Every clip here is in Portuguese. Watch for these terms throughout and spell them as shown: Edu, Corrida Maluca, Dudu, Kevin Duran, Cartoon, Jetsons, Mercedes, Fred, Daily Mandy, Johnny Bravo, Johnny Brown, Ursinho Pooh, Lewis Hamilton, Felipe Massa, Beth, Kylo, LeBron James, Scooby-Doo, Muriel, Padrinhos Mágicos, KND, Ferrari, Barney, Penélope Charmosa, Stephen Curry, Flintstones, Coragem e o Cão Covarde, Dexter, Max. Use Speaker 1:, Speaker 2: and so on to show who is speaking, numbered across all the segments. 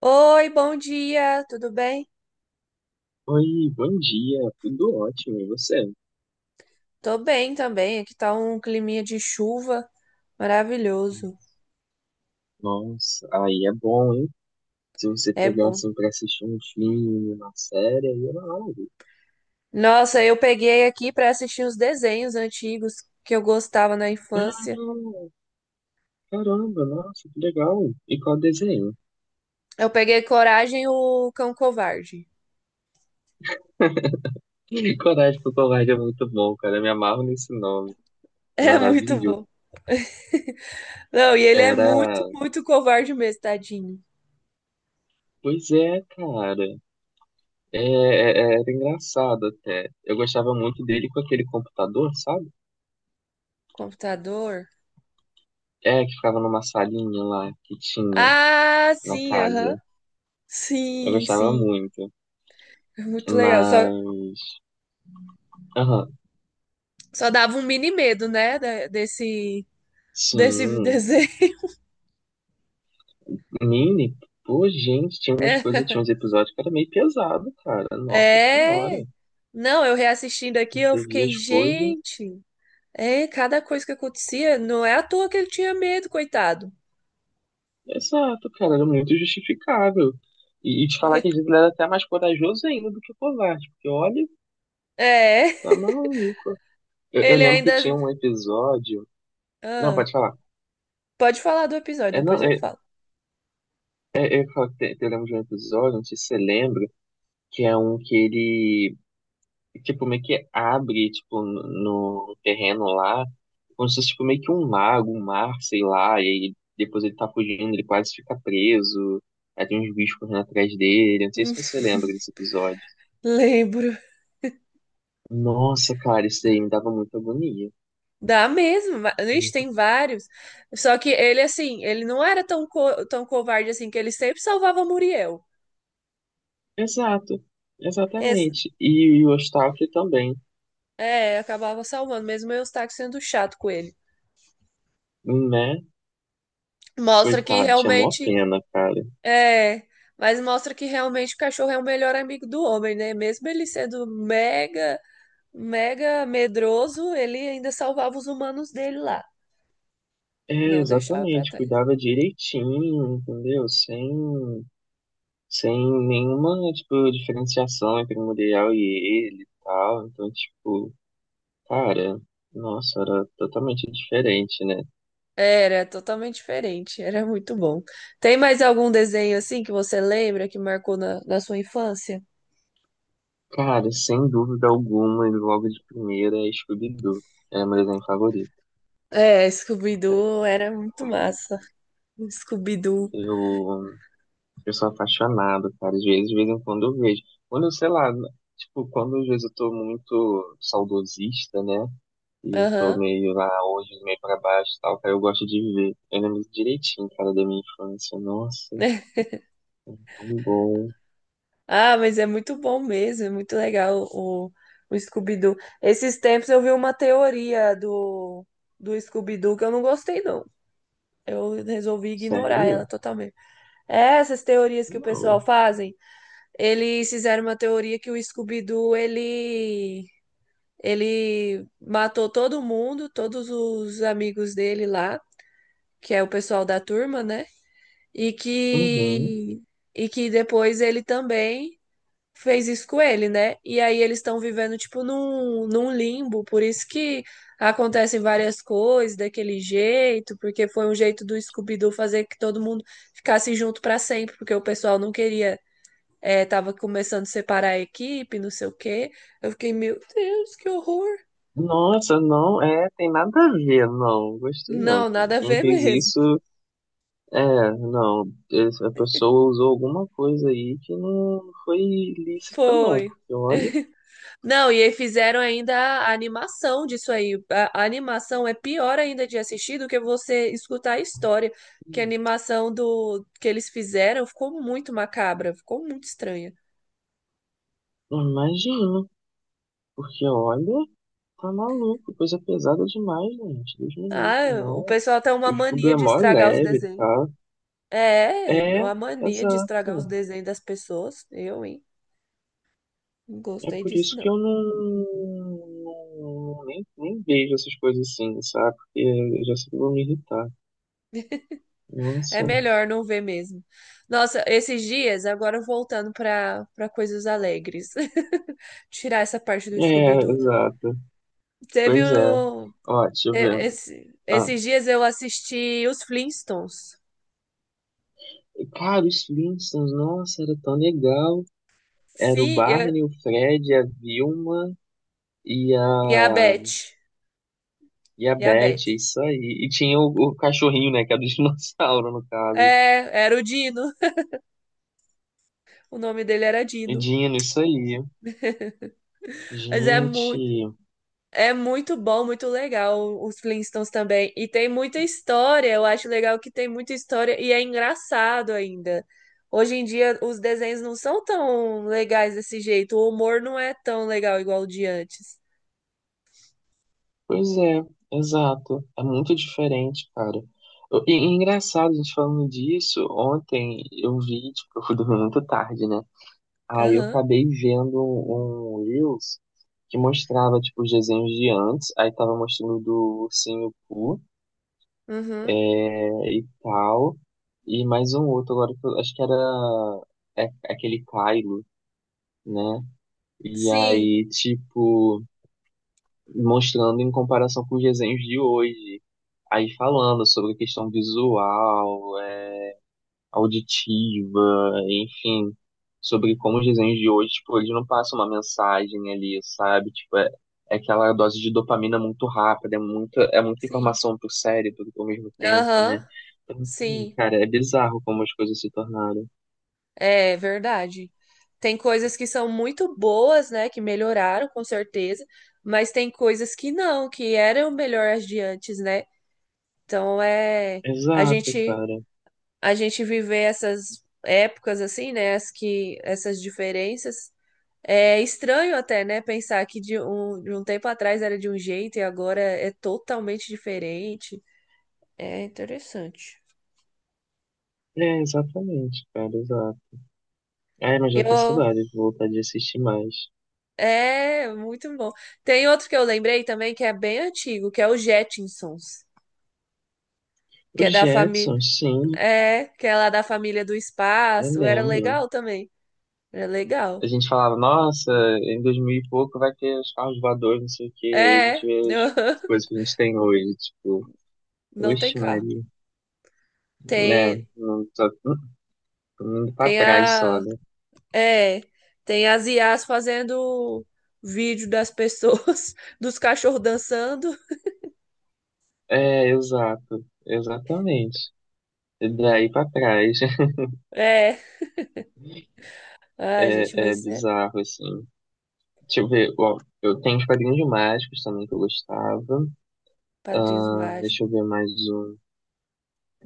Speaker 1: Oi, bom dia, tudo bem?
Speaker 2: Oi, bom dia, tudo ótimo, e você?
Speaker 1: Tô bem também, aqui tá um climinha de chuva maravilhoso,
Speaker 2: Nossa, aí é bom, hein? Se você
Speaker 1: é
Speaker 2: pegar
Speaker 1: bom.
Speaker 2: assim pra assistir um filme, uma série, aí é live.
Speaker 1: Nossa, eu peguei aqui pra assistir os desenhos antigos que eu gostava na infância.
Speaker 2: Ah, caramba, nossa, que legal. E qual desenho?
Speaker 1: Eu peguei Coragem e o Cão Covarde.
Speaker 2: Coragem com Covarde é muito bom, cara, eu me amarro nesse nome, é
Speaker 1: É muito
Speaker 2: maravilhoso.
Speaker 1: bom. Não, e ele é
Speaker 2: Era,
Speaker 1: muito covarde mesmo, tadinho.
Speaker 2: pois é, cara, era engraçado até. Eu gostava muito dele com aquele computador, sabe?
Speaker 1: Computador.
Speaker 2: É, que ficava numa salinha lá que tinha
Speaker 1: Ah,
Speaker 2: na
Speaker 1: sim, aham.
Speaker 2: casa. Eu
Speaker 1: Sim,
Speaker 2: gostava
Speaker 1: sim.
Speaker 2: muito.
Speaker 1: É muito legal. Só,
Speaker 2: Mas. Aham.
Speaker 1: só dava um mini medo, né, desse, desse
Speaker 2: Sim.
Speaker 1: desenho.
Speaker 2: Mini, pô, gente, tinha umas coisas, tinha
Speaker 1: É.
Speaker 2: uns episódios que era meio pesado, cara. Nossa senhora.
Speaker 1: É, não, eu reassistindo aqui, eu
Speaker 2: Você via
Speaker 1: fiquei,
Speaker 2: as coisas.
Speaker 1: gente, é, cada coisa que acontecia, não é à toa que ele tinha medo, coitado.
Speaker 2: Exato, cara, era muito justificável. E te falar que às vezes ele era até mais corajoso ainda do que covarde. Porque olha,
Speaker 1: É,
Speaker 2: tá maluco. Eu
Speaker 1: ele
Speaker 2: lembro que tinha
Speaker 1: ainda.
Speaker 2: um episódio. Não,
Speaker 1: Ah,
Speaker 2: pode falar.
Speaker 1: pode falar do episódio, depois
Speaker 2: Não,
Speaker 1: eu falo.
Speaker 2: eu lembro de um episódio, não sei se você lembra, que é um que ele tipo, meio que abre, tipo, no terreno lá, como se fosse, tipo, meio que um lago, um mar, sei lá, e aí depois ele tá fugindo, ele quase fica preso, aí tem uns bichos correndo atrás dele, não sei se você lembra desse episódio.
Speaker 1: Lembro.
Speaker 2: Nossa, cara, isso aí me dava muita agonia.
Speaker 1: Dá mesmo, ixi,
Speaker 2: Muita.
Speaker 1: tem vários. Só que ele, assim, ele não era tão, tão covarde assim, que ele sempre salvava Muriel.
Speaker 2: Exato,
Speaker 1: Esse,
Speaker 2: exatamente. E o Eustáquio também,
Speaker 1: é, acabava salvando, mesmo eu estar sendo chato com ele.
Speaker 2: né?
Speaker 1: Mostra que
Speaker 2: Coitado, tinha mó
Speaker 1: realmente
Speaker 2: pena, cara.
Speaker 1: é, mas mostra que realmente o cachorro é o melhor amigo do homem, né? Mesmo ele sendo mega medroso, ele ainda salvava os humanos dele lá,
Speaker 2: É,
Speaker 1: não deixava pra
Speaker 2: exatamente,
Speaker 1: trás.
Speaker 2: cuidava direitinho, entendeu? Sem nenhuma, tipo, diferenciação entre Muriel e ele e tal. Então, tipo, cara, nossa, era totalmente diferente, né?
Speaker 1: Era totalmente diferente, era muito bom. Tem mais algum desenho assim que você lembra que marcou na sua infância?
Speaker 2: Cara, sem dúvida alguma, e logo de primeira é Scooby-Doo. É meu desenho favorito.
Speaker 1: É, Scooby-Doo era muito massa. Scooby-Doo.
Speaker 2: Eu, eu sou apaixonado, cara. Às vezes, de vez em quando eu vejo. Quando eu, sei lá, tipo, quando às vezes eu tô muito saudosista, né? E eu tô
Speaker 1: Aham.
Speaker 2: meio lá hoje, meio pra baixo e tal, cara, eu gosto de ver. Eu lembro direitinho, cara, da minha infância. Nossa. Um gol.
Speaker 1: Ah, mas é muito bom mesmo, é muito legal o Scooby-Doo. Esses tempos eu vi uma teoria do Scooby-Doo que eu não gostei, não. Eu resolvi ignorar ela
Speaker 2: Sério?
Speaker 1: totalmente. É, essas teorias que o pessoal
Speaker 2: Não.
Speaker 1: fazem, eles fizeram uma teoria que o Scooby-Doo, ele matou todo mundo, todos os amigos dele lá, que é o pessoal da turma, né? E
Speaker 2: Uhum.
Speaker 1: que, e que depois ele também fez isso com ele, né? E aí eles estão vivendo, tipo, num limbo, por isso que acontecem várias coisas daquele jeito, porque foi um jeito do Scooby-Doo fazer que todo mundo ficasse junto pra sempre, porque o pessoal não queria, é, tava começando a separar a equipe, não sei o quê. Eu fiquei, meu Deus, que horror!
Speaker 2: Nossa, não, é, tem nada a ver, não, gostei não.
Speaker 1: Não,
Speaker 2: Quem,
Speaker 1: nada a
Speaker 2: quem
Speaker 1: ver
Speaker 2: fez
Speaker 1: mesmo.
Speaker 2: isso, é, não, a pessoa usou alguma coisa aí que não foi lícita, não,
Speaker 1: Foi.
Speaker 2: porque olha,
Speaker 1: Não, e aí fizeram ainda a animação disso aí. A animação é pior ainda de assistir do que você escutar a história. Que a animação do que eles fizeram ficou muito macabra, ficou muito estranha.
Speaker 2: imagina, porque olha, tá maluco, coisa pesada demais, gente, Deus me livre,
Speaker 1: Ah, o
Speaker 2: não.
Speaker 1: pessoal tem uma
Speaker 2: O Scooby
Speaker 1: mania
Speaker 2: é
Speaker 1: de
Speaker 2: mó
Speaker 1: estragar os
Speaker 2: leve,
Speaker 1: desenhos.
Speaker 2: tá?
Speaker 1: É,
Speaker 2: É,
Speaker 1: uma mania de estragar os
Speaker 2: exato.
Speaker 1: desenhos das pessoas. Eu, hein? Não
Speaker 2: É
Speaker 1: gostei
Speaker 2: por
Speaker 1: disso,
Speaker 2: isso que eu
Speaker 1: não.
Speaker 2: não- não, nem vejo essas coisas assim, sabe? Porque eu já sei que eu vou me irritar.
Speaker 1: É
Speaker 2: Nossa.
Speaker 1: melhor não ver mesmo. Nossa, esses dias, agora voltando para coisas alegres. Tirar essa parte do
Speaker 2: É,
Speaker 1: Scooby-Doo.
Speaker 2: exato.
Speaker 1: Teve
Speaker 2: Pois é.
Speaker 1: um.
Speaker 2: Ó, deixa eu ver. Ah,
Speaker 1: Esses dias eu assisti os Flintstones.
Speaker 2: cara, os Flintstones, nossa, era tão legal. Era o
Speaker 1: Fia
Speaker 2: Barney, o Fred, a Vilma e a,
Speaker 1: e a Beth.
Speaker 2: e a
Speaker 1: E a
Speaker 2: Beth, é
Speaker 1: Beth.
Speaker 2: isso aí. E tinha o cachorrinho, né? Que era o dinossauro, no caso.
Speaker 1: É, era o Dino. O nome dele era
Speaker 2: E
Speaker 1: Dino.
Speaker 2: Dino, isso aí.
Speaker 1: Mas é,
Speaker 2: Gente.
Speaker 1: muito é muito bom, muito legal os Flintstones também. E tem muita história. Eu acho legal que tem muita história e é engraçado ainda. Hoje em dia os desenhos não são tão legais desse jeito. O humor não é tão legal igual o de antes.
Speaker 2: Pois é, exato. É muito diferente, cara. E engraçado, a gente falando disso, ontem eu vi, tipo, eu fui dormir muito tarde, né? Aí eu
Speaker 1: Aham.
Speaker 2: acabei vendo um Reels que mostrava, tipo, os desenhos de antes, aí tava mostrando do Ursinho Pooh
Speaker 1: Uhum.
Speaker 2: e tal, e mais um outro agora, que eu acho que era aquele Kylo, né? E
Speaker 1: Sim.
Speaker 2: aí, tipo, mostrando em comparação com os desenhos de hoje. Aí falando sobre questão visual, auditiva, enfim, sobre como os desenhos de hoje, tipo, eles não passam uma mensagem ali, sabe? Tipo, é aquela dose de dopamina muito rápida, é muita
Speaker 1: Sim.
Speaker 2: informação pro cérebro ao mesmo tempo, né?
Speaker 1: Aham,
Speaker 2: Então, assim,
Speaker 1: sim,
Speaker 2: cara, é bizarro como as coisas se tornaram.
Speaker 1: é verdade. Tem coisas que são muito boas, né, que melhoraram com certeza, mas tem coisas que não, que eram melhores de antes, né? Então é a
Speaker 2: Exato,
Speaker 1: gente
Speaker 2: cara.
Speaker 1: a gente viver essas épocas assim, né, as que essas diferenças é estranho até, né, pensar que de de um tempo atrás era de um jeito e agora é totalmente diferente. É interessante.
Speaker 2: É, exatamente, cara, exato. É, mas já tô com
Speaker 1: Eu
Speaker 2: saudade, vou voltar de assistir mais.
Speaker 1: é, muito bom. Tem outro que eu lembrei também que é bem antigo, que é o Jetsons, que
Speaker 2: Os
Speaker 1: é da família,
Speaker 2: Jetsons, sim,
Speaker 1: é, que é lá da família do
Speaker 2: eu
Speaker 1: espaço. Era
Speaker 2: lembro.
Speaker 1: legal também. Era
Speaker 2: A
Speaker 1: legal.
Speaker 2: gente falava, nossa, em 2000 e pouco vai ter os carros voadores, não sei o quê. Aí a
Speaker 1: É,
Speaker 2: gente vê as coisas que a gente tem hoje, tipo,
Speaker 1: não tem
Speaker 2: oxe,
Speaker 1: carro.
Speaker 2: Maria, né?
Speaker 1: Tem,
Speaker 2: Não tô, tô indo pra
Speaker 1: tem
Speaker 2: trás só,
Speaker 1: a,
Speaker 2: né?
Speaker 1: é, tem as IAs fazendo vídeo das pessoas, dos cachorros dançando.
Speaker 2: É, exato, exatamente. E daí pra trás
Speaker 1: É. Ai, gente,
Speaker 2: é,
Speaker 1: mas é
Speaker 2: bizarro, assim. Deixa eu ver, ó, eu tenho os quadrinhos mágicos também que eu gostava.
Speaker 1: Padrinhos
Speaker 2: Ah,
Speaker 1: Mágicos.
Speaker 2: deixa eu ver mais um.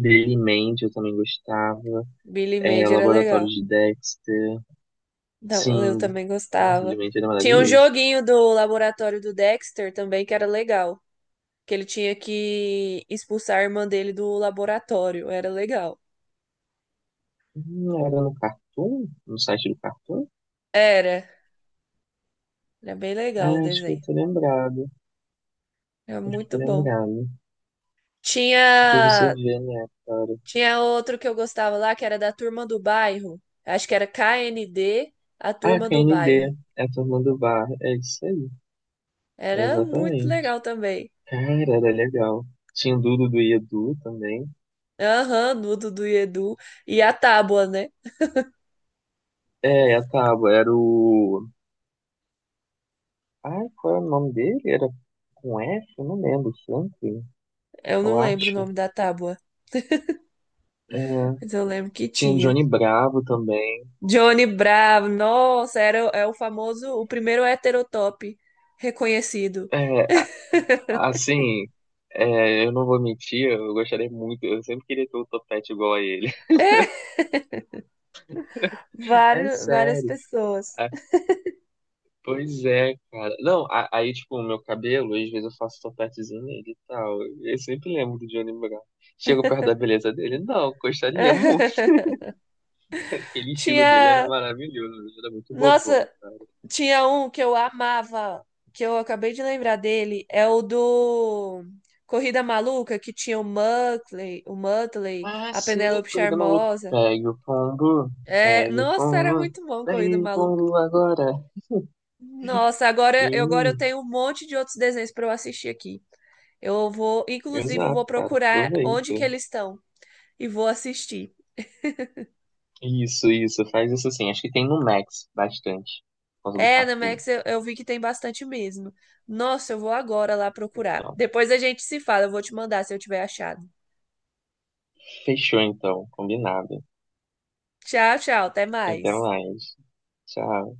Speaker 2: Daily Mandy eu também gostava.
Speaker 1: Billy
Speaker 2: É,
Speaker 1: Mandy era
Speaker 2: Laboratório
Speaker 1: legal.
Speaker 2: de Dexter.
Speaker 1: Não, eu
Speaker 2: Sim.
Speaker 1: também
Speaker 2: Nossa,
Speaker 1: gostava.
Speaker 2: Brilhante era
Speaker 1: Tinha um
Speaker 2: maravilhoso.
Speaker 1: joguinho do laboratório do Dexter também que era legal, que ele tinha que expulsar a irmã dele do laboratório, era legal.
Speaker 2: Era no Cartoon? No site do Cartoon?
Speaker 1: Era, era bem legal o
Speaker 2: É, acho que eu
Speaker 1: desenho.
Speaker 2: tô lembrado.
Speaker 1: Era
Speaker 2: Acho que
Speaker 1: muito
Speaker 2: eu tô
Speaker 1: bom.
Speaker 2: lembrado.
Speaker 1: Tinha
Speaker 2: O que você vê, né, cara?
Speaker 1: Tinha outro que eu gostava lá que era da turma do bairro. Acho que era KND a
Speaker 2: Ah,
Speaker 1: turma do
Speaker 2: KND.
Speaker 1: bairro.
Speaker 2: É a turma do bar. É isso aí. É
Speaker 1: Era muito
Speaker 2: exatamente.
Speaker 1: legal também.
Speaker 2: Cara, era legal. Tinha o Dudu do Edu também.
Speaker 1: Aham, do Dudu e Edu e a tábua, né?
Speaker 2: É, a Tábua era o. Ai, qual era o nome dele? Era com F? Eu não lembro. Franklin,
Speaker 1: Eu
Speaker 2: eu
Speaker 1: não lembro o
Speaker 2: acho.
Speaker 1: nome da tábua,
Speaker 2: É.
Speaker 1: mas eu lembro que
Speaker 2: Tinha
Speaker 1: tinha.
Speaker 2: Johnny Bravo também.
Speaker 1: Johnny Bravo, nossa, era, é o famoso, o primeiro heterotop reconhecido.
Speaker 2: É, Assim, eu não vou mentir, eu gostaria muito, eu sempre queria ter um topete igual a ele.
Speaker 1: É,
Speaker 2: É
Speaker 1: vários, várias
Speaker 2: sério.
Speaker 1: pessoas.
Speaker 2: É, pois é, cara. Não, aí, tipo, o meu cabelo, às vezes eu faço topetezinho nele e tal. Eu sempre lembro do Johnny Brown. Chego perto da beleza dele, não, gostaria muito. Aquele estilo dele era
Speaker 1: Tinha,
Speaker 2: maravilhoso, ele era muito bobão.
Speaker 1: nossa, tinha um que eu amava, que eu acabei de lembrar dele, é o do Corrida Maluca, que tinha o Muttley,
Speaker 2: Ah,
Speaker 1: a
Speaker 2: sim,
Speaker 1: Penélope
Speaker 2: corrida maluca.
Speaker 1: Charmosa.
Speaker 2: Pega o pombo,
Speaker 1: É,
Speaker 2: pega o
Speaker 1: nossa, era
Speaker 2: pombo,
Speaker 1: muito bom Corrida
Speaker 2: pega o
Speaker 1: Maluca.
Speaker 2: pombo agora.
Speaker 1: Nossa, agora, agora eu
Speaker 2: Sim,
Speaker 1: tenho um monte de outros desenhos para eu assistir aqui. Eu vou, inclusive, eu vou
Speaker 2: exato, cara,
Speaker 1: procurar onde
Speaker 2: aproveita.
Speaker 1: que eles estão e vou assistir.
Speaker 2: Isso, faz isso assim. Acho que tem no Max bastante, por causa do
Speaker 1: É, na
Speaker 2: Cartoon.
Speaker 1: Max eu vi que tem bastante mesmo. Nossa, eu vou agora lá procurar.
Speaker 2: Não.
Speaker 1: Depois a gente se fala, eu vou te mandar se eu tiver achado.
Speaker 2: Fechou então, combinado.
Speaker 1: Tchau, tchau, até
Speaker 2: Até
Speaker 1: mais.
Speaker 2: mais. Tchau.